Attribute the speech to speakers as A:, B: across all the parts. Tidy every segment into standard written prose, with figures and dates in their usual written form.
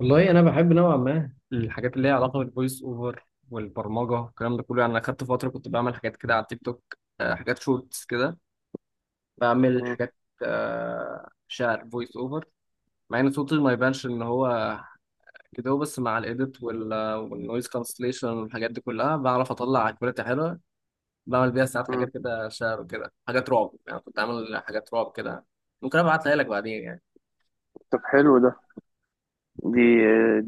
A: والله انا بحب نوعا ما الحاجات اللي هي علاقه بالفويس اوفر والبرمجه الكلام ده كله. يعني انا خدت فتره كنت بعمل حاجات كده على التيك توك، حاجات شورتس كده. بعمل
B: مم.
A: حاجات، شعر فويس اوفر، مع ان صوتي ما يبانش ان هو كده. بس مع الايديت والنويز كانسليشن والحاجات دي كلها بعرف اطلع كواليتي حلوه. بعمل بيها ساعات
B: مم.
A: حاجات كده شعر وكده حاجات رعب. يعني كنت عامل حاجات رعب كده، ممكن ابعتها لك بعدين يعني.
B: طب، حلو ده. دي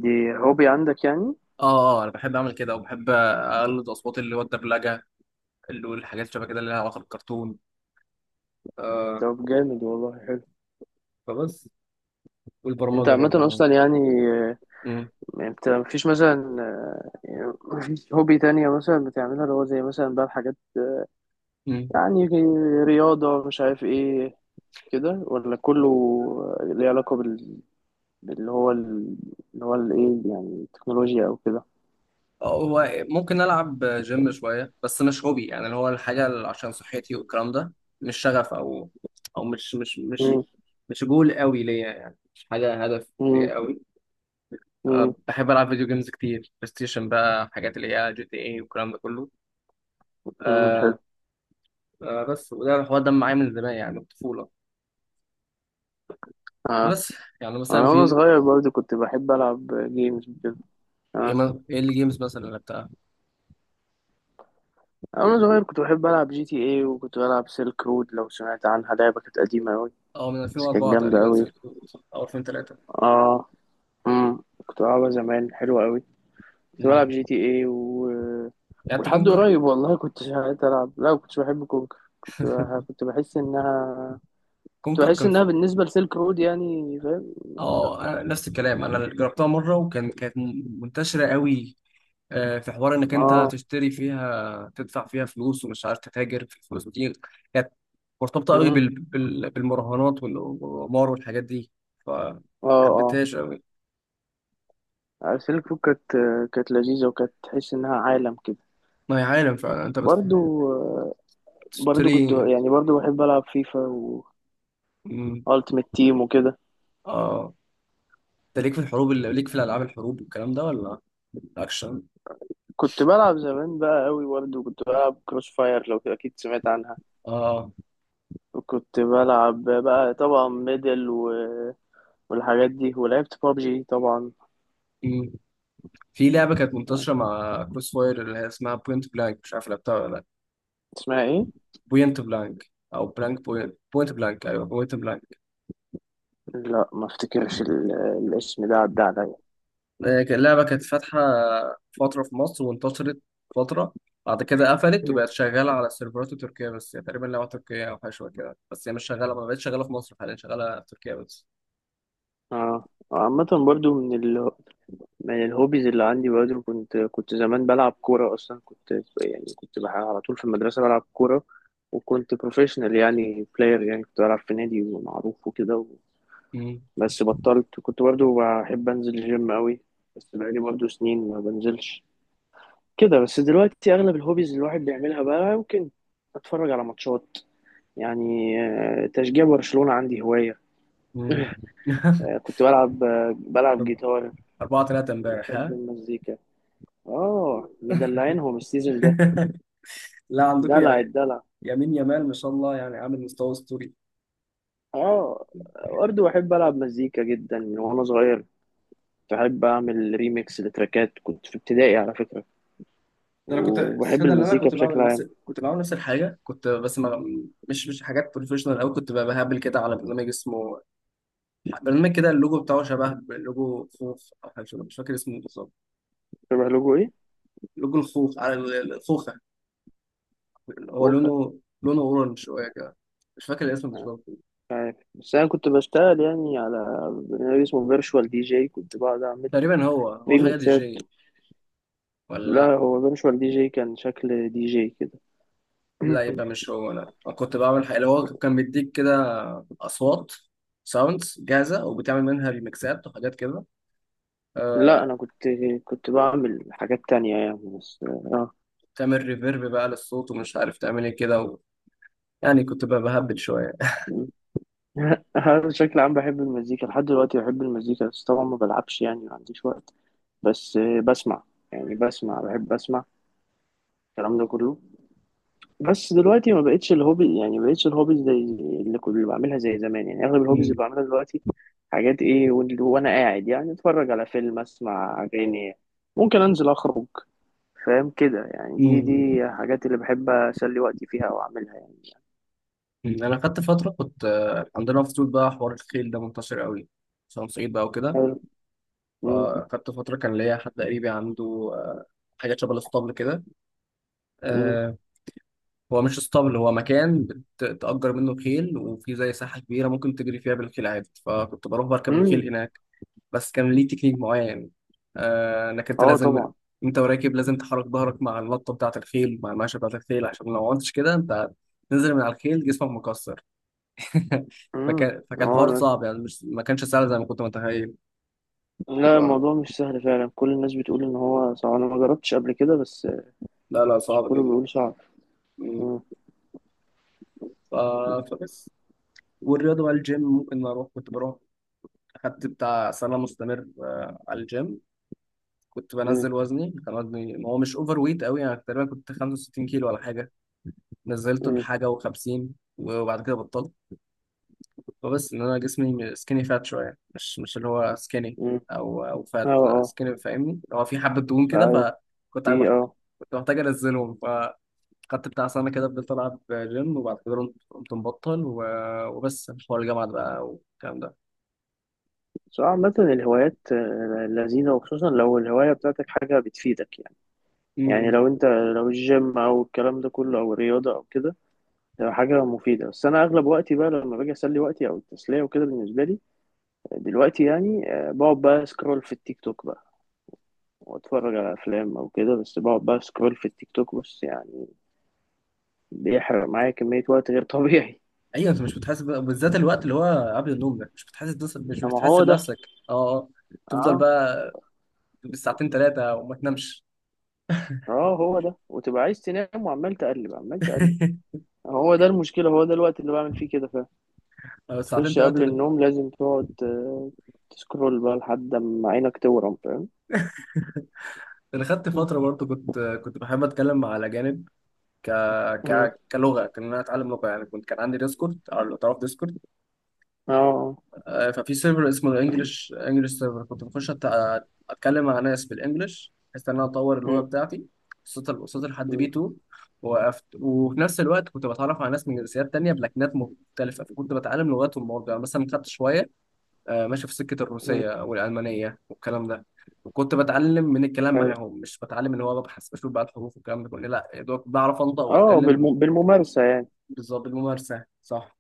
B: دي هوبي عندك يعني؟
A: اه اه، انا بحب اعمل كده وبحب اقلد اصوات، اللي هو الدبلجه، اللي هو الحاجات شبه كده اللي لها علاقه بالكرتون. آه.
B: طب جامد، والله حلو.
A: فبس.
B: انت
A: والبرمجه
B: عامة
A: برضه اهو.
B: اصلا يعني، آه،
A: مم.
B: انت مفيش مثلا يعني مفيش هوبي تانية مثلا بتعملها، اللي هو زي مثلا بقى الحاجات
A: مم.
B: يعني، رياضة مش عارف ايه كده، ولا كله ليه علاقة بال... باللي هو ال- اللي هو الايه يعني التكنولوجيا او كده؟
A: هو ممكن العب جيم شويه، بس مش هوبي. يعني اللي هو الحاجه اللي عشان صحتي والكلام ده. مش شغف، او مش مش مش
B: مم.
A: مش جول قوي ليا. يعني مش حاجه هدف
B: مم.
A: ليا قوي. أه
B: مم.
A: بحب العب فيديو جيمز كتير، بلاي ستيشن بقى، حاجات اللي هي جي تي اي والكلام ده كله.
B: مم. حلو.
A: أه. أه بس. وده الحوار ده معايا من زمان، يعني من الطفوله.
B: اه،
A: فبس. يعني مثلا
B: انا وانا
A: في
B: صغير برضه كنت بحب العب جيمز وكده.
A: ايه،
B: آه.
A: إيه اللي جيمز مثلا اللي لعبتها.
B: أنا صغير كنت بحب ألعب جي تي اي، وكنت بلعب سيلك رود، لو سمعت عنها، لعبة كانت قديمة أوي،
A: اه، من
B: بس كانت
A: 2004
B: جامدة
A: تقريبا
B: أوي.
A: سيلك رود، او 2003.
B: اه، كنت بلعبها زمان، حلوة أوي. كنت
A: امم.
B: بلعب جي تي اي
A: لعبت
B: ولحد
A: كونكر.
B: قريب والله كنت ساعات ألعب. لا، كنتش بحب كونكر، كنت بحس إنها،
A: كونكر كان في...
B: بالنسبة لسيلك رود يعني، فاهم؟ لا.
A: اه، انا نفس الكلام، انا جربتها مره، وكان منتشره قوي. آه، في حوار انك انت
B: اه.
A: تشتري فيها، تدفع فيها فلوس، ومش عارف تتاجر في الفلوس دي. كانت مرتبطه قوي
B: امم
A: بالمراهنات والقمار والحاجات دي.
B: اه،
A: فحبيتهاش قوي.
B: اه، سيلك رود كانت، كانت لذيذة، وكانت تحس إنها عالم كده.
A: ما هي عالم فعلا. انت
B: برضو برضو كنت
A: بتشتري.
B: يعني، برضو بحب ألعب فيفا.
A: امم.
B: التيمت تيم وكده.
A: اه، انت ليك في الحروب، اللي ليك في الالعاب الحروب والكلام ده، ولا اكشن.
B: كنت بلعب زمان بقى قوي، برضه كنت بلعب كروس فاير، لو اكيد سمعت عنها.
A: اه،
B: وكنت بلعب بقى طبعا ميدل والحاجات دي، ولعبت بابجي طبعا.
A: في لعبة كانت منتشرة مع كروس فاير اللي هي اسمها بوينت بلانك، مش عارف لعبتها ولا لا.
B: اسمها ايه؟
A: بوينت بلانك أو بلانك بوينت، بوينت بلانك أيوه بوينت بلانك.
B: لا، ما افتكرش الاسم ده، عدى عليا.
A: آه، اللعبة كانت فاتحة فترة في مصر، وانتشرت فترة. بعد كده قفلت
B: مم.
A: وبقت شغالة على السيرفرات التركية، بس هي تقريبا لعبة تركية أو حاجة شبه كده. بس هي مش شغالة، ما بقتش شغالة في مصر حاليا، شغالة في تركيا بس.
B: اه، عامة برضو من الهوبيز اللي عندي، برضو كنت زمان بلعب كورة، أصلا كنت يعني، على طول في المدرسة بلعب كورة. وكنت بروفيشنال يعني، بلاير يعني، كنت بلعب في نادي معروف وكده.
A: مم.
B: بس بطلت. كنت برضو بحب انزل الجيم قوي، بس بقالي برضو سنين ما بنزلش كده. بس دلوقتي اغلب الهوبيز اللي الواحد بيعملها بقى، ممكن اتفرج على ماتشات يعني، تشجيع برشلونة عندي هواية.
A: مم.
B: آه، كنت بلعب آه، بلعب جيتار.
A: أربعة تلاتة امبارح
B: بحب
A: ها.
B: المزيكا. اه، مدلعينهم السيزون ده.
A: لا عندكم
B: دلع
A: يا،
B: الدلع.
A: يمين يمال، ما شاء الله، يعني عامل مستوى أسطوري.
B: اه، برضه بحب العب مزيكا جدا من وانا صغير. بحب اعمل ريميكس لتراكات، كنت في ابتدائي على فكرة.
A: ده انا كنت،
B: وبحب
A: الصدق ان انا
B: المزيكا
A: كنت
B: بشكل
A: بعمل نفس
B: عام.
A: الحاجه، كنت بس ما... مش حاجات بروفيشنال قوي. كنت بقى بهبل كده على برنامج اسمه، برنامج كده اللوجو بتاعه شبه لوجو خوخ او حاجه مش فاكر اسمه بالظبط.
B: شبه لكم.
A: لوجو الخوخ على الخوخه. هو
B: وخ...
A: لونه اورنج شويه كده. مش فاكر الاسم بالظبط.
B: عارف، بس انا كنت بشتغل يعني على برنامج اسمه فيرتشوال دي جي، كنت بقعد اعمل
A: تقريبا هو حاجه دي
B: بيجمنتات.
A: جي ولا
B: لا،
A: لا.
B: هو فيرتشوال دي جي كان شكل دي جي كده.
A: لا يبقى مش هو. لا، أنا كنت بعمل حاجه اللي هو كان بيديك كده اصوات، ساوندز جاهزه وبتعمل منها ريمكسات وحاجات كده.
B: لا،
A: آه،
B: انا كنت بعمل حاجات تانية يعني، بس اه.
A: تعمل ريفيرب بقى للصوت، ومش عارف تعمل ايه كده و... يعني كنت بقى بهبد شويه.
B: م. أنا بشكل عام بحب المزيكا لحد دلوقتي، بحب المزيكا، بس طبعا ما بلعبش يعني، ما عنديش وقت. بس بسمع يعني، بسمع، بحب اسمع الكلام ده كله. بس دلوقتي ما بقتش الهوبي يعني، ما بقتش الهوبيز زي اللي بعملها زي زمان يعني. اغلب الهوبيز اللي
A: مم.
B: بعملها دلوقتي حاجات ايه وانا قاعد يعني، اتفرج على فيلم، اسمع اغاني، ممكن انزل اخرج، فاهم كده يعني. دي
A: مم.
B: دي حاجات اللي بحب اسلي وقتي فيها او اعملها يعني.
A: مم. انا خدت فتره كنت، عندنا في اسيوط بقى حوار الخيل ده منتشر قوي، عشان صعيد بقى وكده.
B: حلو. مم.
A: فخدت فتره كان ليا حد قريبي عنده، آه، حاجات شبه الاسطبل كده.
B: مم.
A: آه، هو مش اسطبل، هو مكان بتأجر منه خيل، وفي زي ساحه كبيره ممكن تجري فيها بالخيل عادي. فكنت بروح بركب
B: مم.
A: الخيل هناك. بس كان ليه تكنيك معين، انك انت
B: اه،
A: لازم،
B: طبعا.
A: انت وراكب لازم تحرك ظهرك مع اللطه بتاعه الخيل، مع الماشيه بتاعه الخيل، عشان لو ما عملتش كده انت تنزل من على الخيل جسمك مكسر.
B: مم.
A: فكان
B: اه،
A: حوار صعب يعني. مش، ما كانش سهل زي ما كنت متخيل.
B: لا،
A: ف...
B: الموضوع مش سهل فعلا، كل الناس بتقول ان هو صعب. انا ما جربتش قبل كده بس.
A: لا لا،
B: مش
A: صعب
B: كله
A: جدا.
B: بيقول صعب.
A: مم.
B: مم.
A: ف... فبس. والرياضه بقى الجيم ممكن اروح. كنت بروح، خدت بتاع سنه مستمر على الجيم. كنت
B: مم.
A: بنزل وزني، كان وزني هو مش اوفر ويت قوي يعني، تقريبا كنت 65 كيلو ولا حاجه. نزلته
B: مم.
A: لحاجة وخمسين، وبعد كده بطلت. فبس إن أنا جسمي سكيني فات شوية، مش اللي هو سكيني،
B: مم.
A: أو فات، لا
B: اه،
A: سكيني فاهمني، هو في حبة دهون كده.
B: اه،
A: فكنت
B: في،
A: عم- كنت محتاج أنزلهم. فخدت بتاع سنة كده، فضلت ألعب جيم. وبعد كده قمت مبطل وبس، حوار الجامعة ده بقى والكلام ده.
B: بس عامة الهوايات لذيذة، وخصوصا لو الهواية بتاعتك حاجة بتفيدك يعني
A: م- م.
B: لو الجيم او الكلام ده كله او الرياضة او كده، ده حاجة مفيدة. بس انا اغلب وقتي بقى لما باجي اسلي وقتي او التسلية وكده، بالنسبة لي دلوقتي يعني، بقعد بقى سكرول في التيك توك بقى، واتفرج على افلام او كده، بس بقعد بقى سكرول في التيك توك بس يعني، بيحرق معايا كمية وقت غير طبيعي.
A: أيوه أنت مش بتحاسب بالذات الوقت اللي هو قبل النوم ده، مش
B: طب ما
A: بتحاسب
B: هو ده.
A: نفسك أه آه. تفضل
B: اه،
A: بقى بالساعتين ثلاثة وما تنامش.
B: اه، هو ده. وتبقى عايز تنام وعمال تقلب عمال تقلب. هو ده المشكلة، هو ده الوقت اللي بعمل فيه كده فعلا.
A: أو الساعتين
B: تخش قبل
A: ثلاثة.
B: النوم لازم تقعد تسكرول بقى لحد ما عينك تورم، فاهم.
A: انا خدت
B: مم.
A: فتره برضو، كنت بحب اتكلم مع الاجانب، ك...
B: مم.
A: كلغه، كان انا اتعلم لغه يعني. كنت، كان عندي ديسكورد، او لو تعرف ديسكورد.
B: اه.
A: ففي سيرفر اسمه الانجليش انجليش سيرفر. كنت بخش اتكلم مع ناس بالانجليش، بحيث ان انا اطور اللغه
B: مم.
A: بتاعتي. وصلت لحد بي
B: مم.
A: 2، وقفت. وفي نفس الوقت كنت بتعرف على ناس من جنسيات تانية بلكنات مختلفه، فكنت بتعلم لغاتهم برضه. يعني مثلا خدت شويه، ماشي في سكة
B: مم.
A: الروسية والألمانية والكلام ده. وكنت بتعلم من الكلام
B: حلو.
A: معاهم، مش بتعلم ان هو ببحث بشوف بقى الحروف والكلام ده كله. لا، يا دوب بعرف انطق
B: اه،
A: واتكلم.
B: بالممارسة يعني.
A: بالظبط، بالممارسة صح.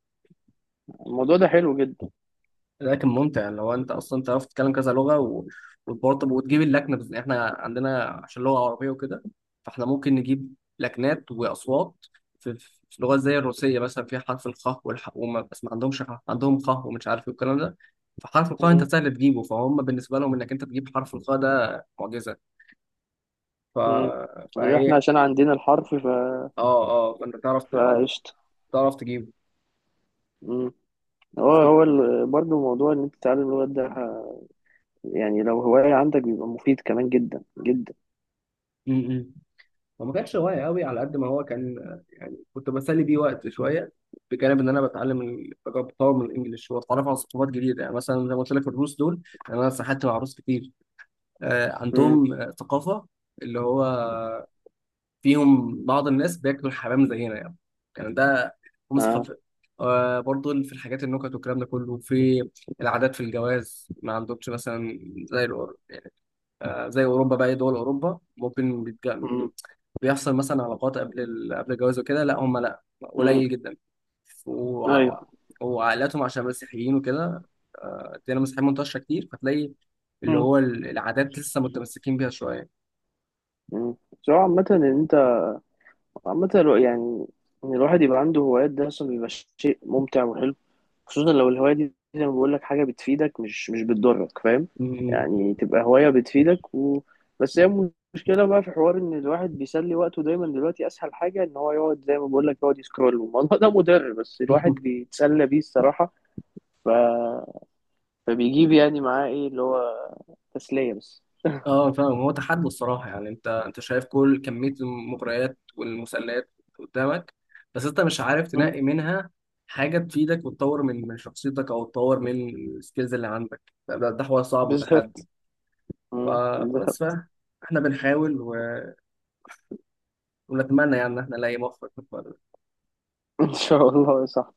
B: الموضوع ده حلو جدا.
A: لكن ممتع لو انت اصلا تعرف تتكلم كذا لغه و... وبرضه وتجيب اللكنه. بس احنا عندنا عشان لغه عربيه وكده، فاحنا ممكن نجيب لكنات واصوات. في لغات زي الروسيه مثلا فيها حرف الخاء والح، وما بس ما عندهمش خ، عندهم خاء ومش عارف ايه والكلام ده. فحرف الخاء انت
B: مم.
A: سهل تجيبه، فهم بالنسبه لهم انك انت تجيب حرف الخاء ده معجزه. ف...
B: مم. احنا
A: فهي،
B: عشان عندنا الحرف،
A: اه اه، فانت تعرف
B: فقشطة.
A: تعرف تجيبه.
B: مم. هو
A: ف...
B: هو ال... برضه موضوع ان انت تتعلم اللغات ده، يعني لو هواية عندك بيبقى مفيد كمان جدا جدا.
A: م- م. هو ما كانش هواية قوي على قد ما هو كان، يعني كنت بسلي بيه وقت شوية، بجانب ان انا بتعلم بطور من الانجليش، واتعرف على ثقافات جديده. يعني مثلا زي ما قلت لك الروس دول، يعني انا سحبت مع روس كتير.
B: مم.
A: عندهم ثقافه اللي هو فيهم بعض الناس بياكلوا الحمام زينا يعني. كان ده هم
B: اه.
A: ثقافه. برضو في الحاجات، النكت والكلام ده كله، في العادات، في الجواز ما عندهمش مثلا زي يعني زي اوروبا بقى، دول اوروبا ممكن
B: مم.
A: بيحصل مثلا علاقات قبل قبل الجواز وكده. لا هم لا،
B: مم.
A: قليل جدا.
B: ايوه.
A: وع- وعائلاتهم عشان مسيحيين وكده، الديانة المسيحية منتشرة كتير. فتلاقي اللي
B: مم.
A: هو العادات لسه متمسكين بيها شوية.
B: مم. سواء عامة ان انت، عامة يعني، إن الواحد يبقى عنده هوايات ده أصلا بيبقى شيء ممتع وحلو، خصوصا لو الهواية دي زي ما بقول لك حاجة بتفيدك، مش بتضرك، فاهم.
A: م-
B: يعني تبقى هواية بتفيدك بس هي المشكلة بقى في حوار إن الواحد بيسلي وقته دايما. دلوقتي أسهل حاجة إن هو يقعد زي ما بقول لك، يقعد يسكرول، والموضوع ده مضر بس الواحد
A: م.
B: بيتسلى بيه، الصراحة. ف... فبيجيب يعني معاه إيه اللي هو تسلية بس.
A: اه فاهم. هو تحدي الصراحة يعني. انت شايف كل كمية المغريات والمسلات قدامك، بس انت مش عارف
B: مم.
A: تنقي منها حاجة تفيدك وتطور من شخصيتك، او تطور من السكيلز اللي عندك. ده حوار صعب وتحدي.
B: بالظبط. مم.
A: فبس
B: بالظبط.
A: بقى، احنا بنحاول ونتمنى يعني ان احنا نلاقي مخرج في الفرق.
B: إن شاء الله، صح.